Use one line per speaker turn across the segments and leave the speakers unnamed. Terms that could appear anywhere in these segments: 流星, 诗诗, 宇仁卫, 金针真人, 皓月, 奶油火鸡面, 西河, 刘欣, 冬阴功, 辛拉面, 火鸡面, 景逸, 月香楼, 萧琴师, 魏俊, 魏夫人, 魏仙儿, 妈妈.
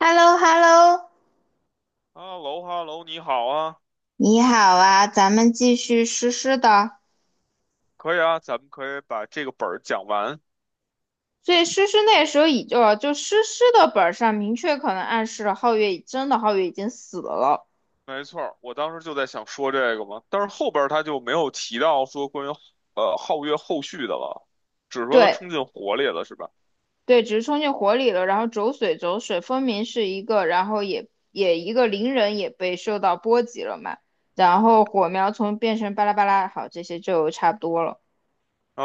h e l l o h e l l o
哈喽哈喽，你好啊，
你好啊，咱们继续诗诗的。
可以啊，咱们可以把这个本儿讲完。
所以诗诗那时候已就诗诗的本上明确可能暗示了皓月已真的皓月已经死了，
没错儿，我当时就在想说这个嘛，但是后边儿他就没有提到说关于皓月后续的了，只是说他
对
冲进火里了，是吧？
对，只是冲进火里了。然后走水走水，分明是一个，然后也一个灵人也被受到波及了嘛。然后火苗从变成巴拉巴拉，好，这些就差不多了。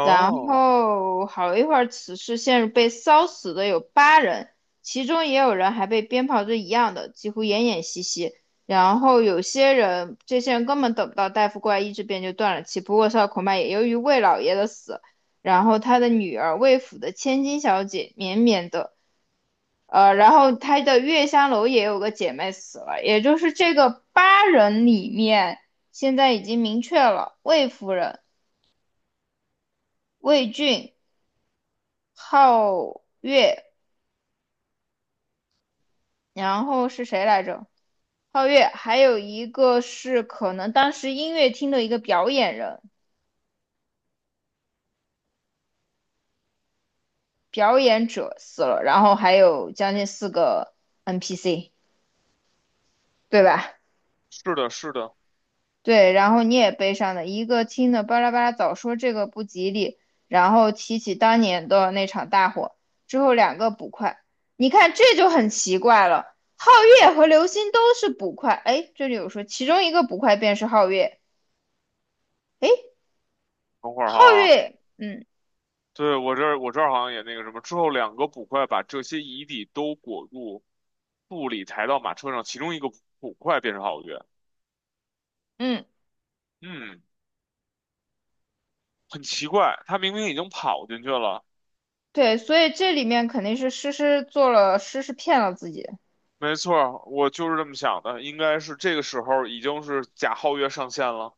然后好一会儿，此事陷入被烧死的有八人，其中也有人还被鞭炮是一样的，几乎奄奄息息。然后有些人，这些人根本等不到大夫过来医治，便就断了气。不过，烧恐怕也由于魏老爷的死，然后他的女儿魏府的千金小姐绵绵的，然后他的月香楼也有个姐妹死了，也就是这个八人里面，现在已经明确了魏夫人、魏俊。皓月，然后是谁来着？皓月，还有一个是可能当时音乐厅的一个表演人、表演者死了，然后还有将近四个 NPC，对吧？
是的，是的。
对，然后你也悲伤的，一个听的巴拉巴拉早说这个不吉利，然后提起当年的那场大火，之后两个捕快，你看这就很奇怪了，皓月和流星都是捕快，哎，这里有说其中一个捕快便是皓月。
等会儿
皓
哈，
月，嗯
对，我这儿我这儿好像也那个什么，之后两个捕快把这些遗体都裹入布里，抬到马车上，其中一个捕快变成皓月。
嗯，
嗯，很奇怪，他明明已经跑进去了。
对，所以这里面肯定是诗诗做了，诗诗骗了自己，
没错儿，我就是这么想的，应该是这个时候已经是贾皓月上线了。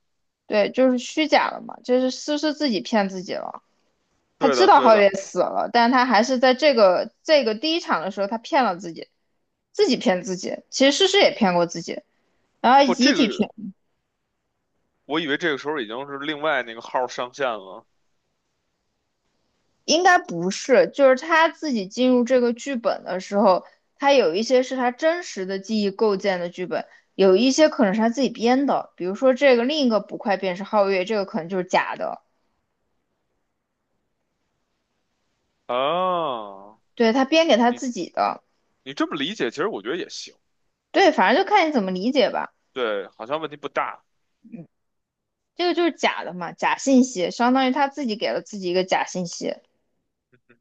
对，就是虚假了嘛，就是诗诗自己骗自己了。他
对
知
的，
道
对
皓月
的，
死了，但他还是在这个第一场的时候，他骗了自己，自己骗自己。其实诗诗也骗过自己，然后
不，
遗
这
体全
个我以为这个时候已经是另外那个号上线了
应该不是，就是他自己进入这个剧本的时候，他有一些是他真实的记忆构建的剧本，有一些可能是他自己编的，比如说这个另一个捕快便是皓月，这个可能就是假的，
啊。
对，他编给他
你
自己的，
你这么理解，其实我觉得也行。
对，反正就看你怎么理解吧。
对，好像问题不大。
这个就是假的嘛，假信息，相当于他自己给了自己一个假信息。
嗯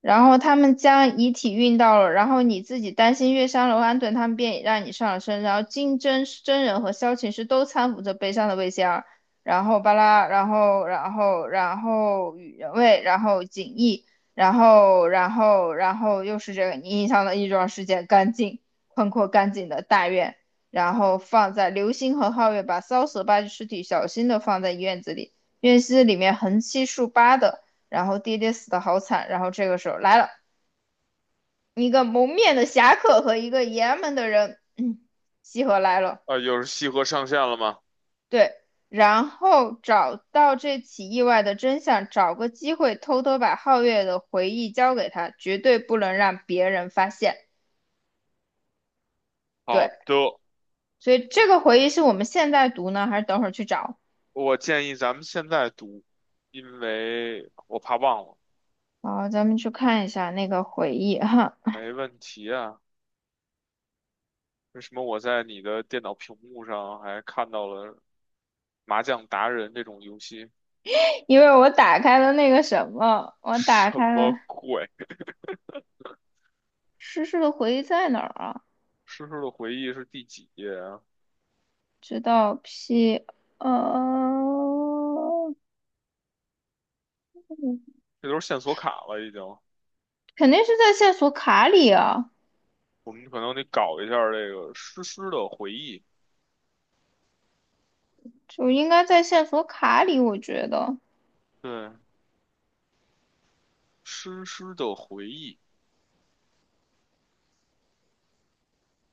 然后他们将遗体运到了，然后你自己担心月伤楼安顿，他们便已让你上了身。然后金针真人和萧琴师都搀扶着悲伤的魏仙儿，然后巴拉，然后宇仁卫，然后景逸，然后又是这个你印象的一桩事件，干净宽阔干净的大院，然后放在流星和皓月把骚的八具尸体小心的放在院子里，院子里面横七竖八的。然后爹爹死的好惨，然后这个时候来了一个蒙面的侠客和一个爷们的人，嗯，西河来了，
啊，又是西河上线了吗？
对，然后找到这起意外的真相，找个机会偷偷把皓月的回忆交给他，绝对不能让别人发现，
好
对，
的，
所以这个回忆是我们现在读呢，还是等会儿去找？
我建议咱们现在读，因为我怕忘了。
好，咱们去看一下那个回忆哈，
没问题啊。为什么我在你的电脑屏幕上还看到了《麻将达人》这种游戏？
因为我打开了那个什么，我
什
打开
么
了
鬼？
诗诗的回忆在哪儿啊？
诗诗的回忆是第几页啊？
知道 P，呃，嗯
这都是线索卡了，已经。
肯定是在线索卡里啊，
我们可能得搞一下这个诗诗的回忆。
就应该在线索卡里，我觉得。
对，诗诗的回忆。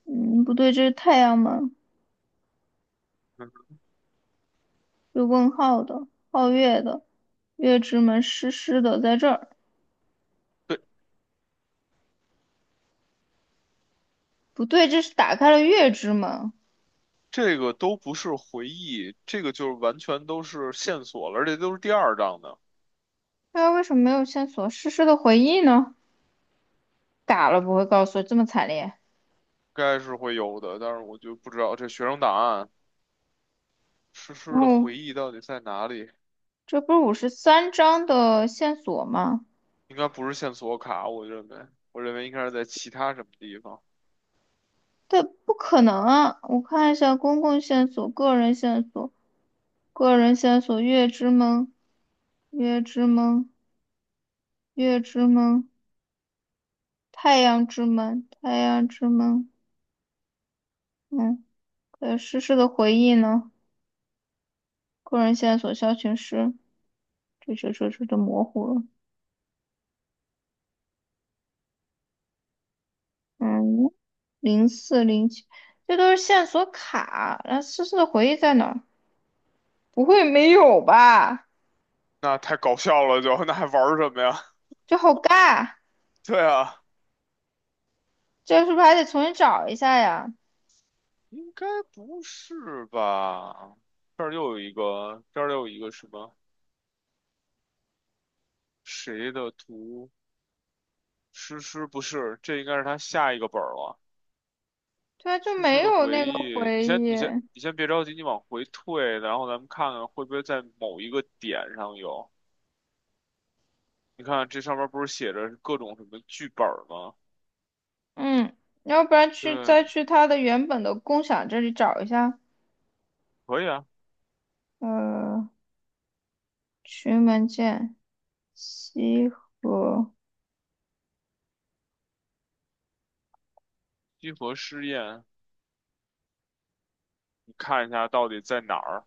嗯，不对，这是太阳门，
嗯，
有问号的，皓月的，月之门湿湿的，在这儿。
对，
不对，这是打开了月之门。
这个都不是回忆，这个就是完全都是线索了，而且都是第二章的，应
那为什么没有线索？诗诗的回忆呢？打了不会告诉我这么惨烈。
该是会有的，但是我就不知道这学生档案诗
然
诗的
后
回忆到底在哪里。
这不是53章的线索吗？
应该不是线索卡，我认为，我认为应该是在其他什么地方。
对，不可能啊！我看一下公共线索、个人线索、个人线索，月之门、月之门、月之门、太阳之门、太阳之门。嗯，还有诗诗的回忆呢？个人线索消群诗，这都模糊了。嗯，0407，这都是线索卡。那诗诗的回忆在哪儿？不会没有吧？
那太搞笑了就，那还玩什么呀？
这好尬，
对啊，
这是不是还得重新找一下呀？
应该不是吧？这儿又有一个，这儿又有一个什么谁的图？诗诗不是，这应该是他下一个本儿了。
对啊，就
诗
没
诗的
有
回
那个
忆，你
回
先，
忆。
你先，你先别着急，你往回退，然后咱们看看会不会在某一个点上有。你看这上面不是写着各种什么剧本儿吗？
嗯，要不然去
对，
再去他的原本的共享这里找一下。
可以啊，
呃，群文件西河，
集合试验，你看一下到底在哪儿，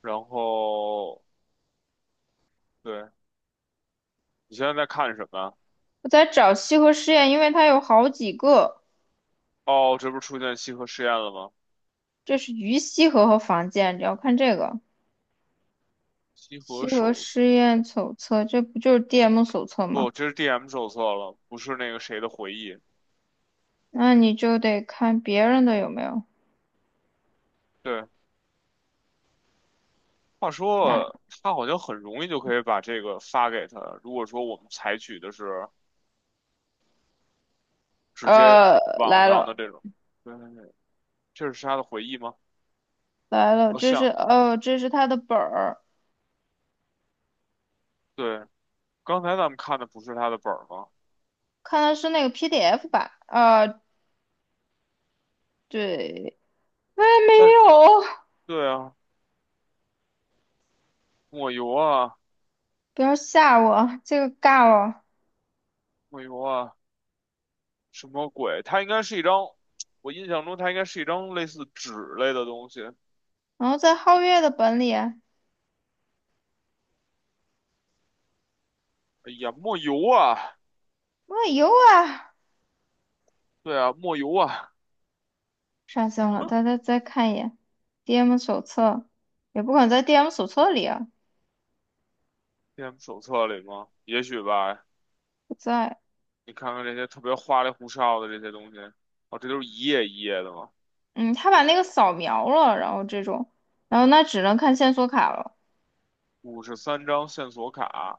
然后对，你现在在看什么啊？
我在找西河实验，因为它有好几个。
哦，这不是出现西河试验了吗？
这是于西河和房建，你要看这个
西河
西河
手，
实验手册，这不就是 DM 手册吗？
不，这是 DM 手册了，不是那个谁的回忆。
那你就得看别人的有没有。
对，话
来，
说他好像很容易就可以把这个发给他。如果说我们采取的是直接
呃，
网
来
上的
了
这种，对，这是他的回忆吗？
来了，
哦，
这是
像，
哦，这是他的本儿。
对，刚才咱们看的不是他的本儿吗？
看的是那个 PDF 版啊，对，哎，没
但
有，
对啊，抹油啊，
不要吓我，这个尬了。
抹油啊，什么鬼？它应该是一张，我印象中它应该是一张类似纸类的东西。
然后在皓月的本里，
哎呀，抹油啊！
我有啊，
对啊，莫尤啊
上线了，大家再看一眼 DM 手册，也不可能在 DM 手册里啊，
，DM 手册里吗？也许吧。
不在，
你看看这些特别花里胡哨的这些东西，哦，这都是一页一页的吗？
嗯，他把那个扫描了，然后这种，然后那只能看线索卡了，
53张线索卡，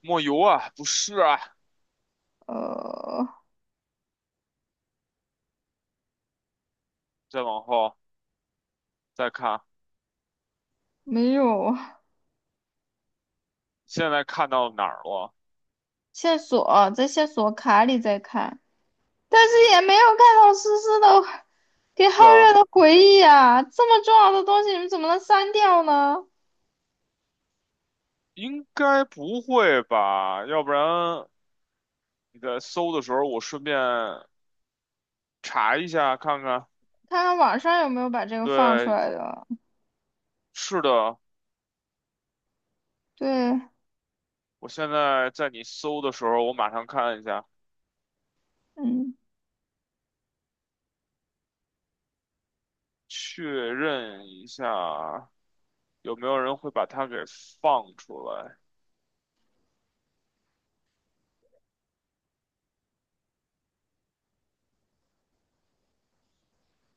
莫尤啊，不是啊。
呃，
再往后再看，
没有
现在看到哪儿了？
线索，在线索卡里再看。但是也没有看到思思的给皓
对啊，
月的回忆啊，这么重要的东西你们怎么能删掉呢？
应该不会吧？要不然你在搜的时候，我顺便查一下看看。
看看网上有没有把这个放出
对，
来的。
是的，
对，
我现在在你搜的时候，我马上看一下，
嗯，
确认一下。有没有人会把它给放出来？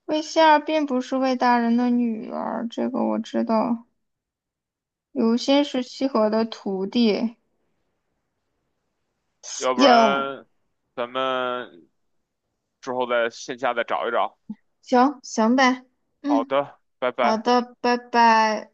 魏仙儿并不是魏大人的女儿，这个我知道。刘欣是西河的徒弟。
要不
影，
然咱们之后在线下再找一找。
行行呗，
好
嗯，
的，拜
好
拜。
的，拜拜。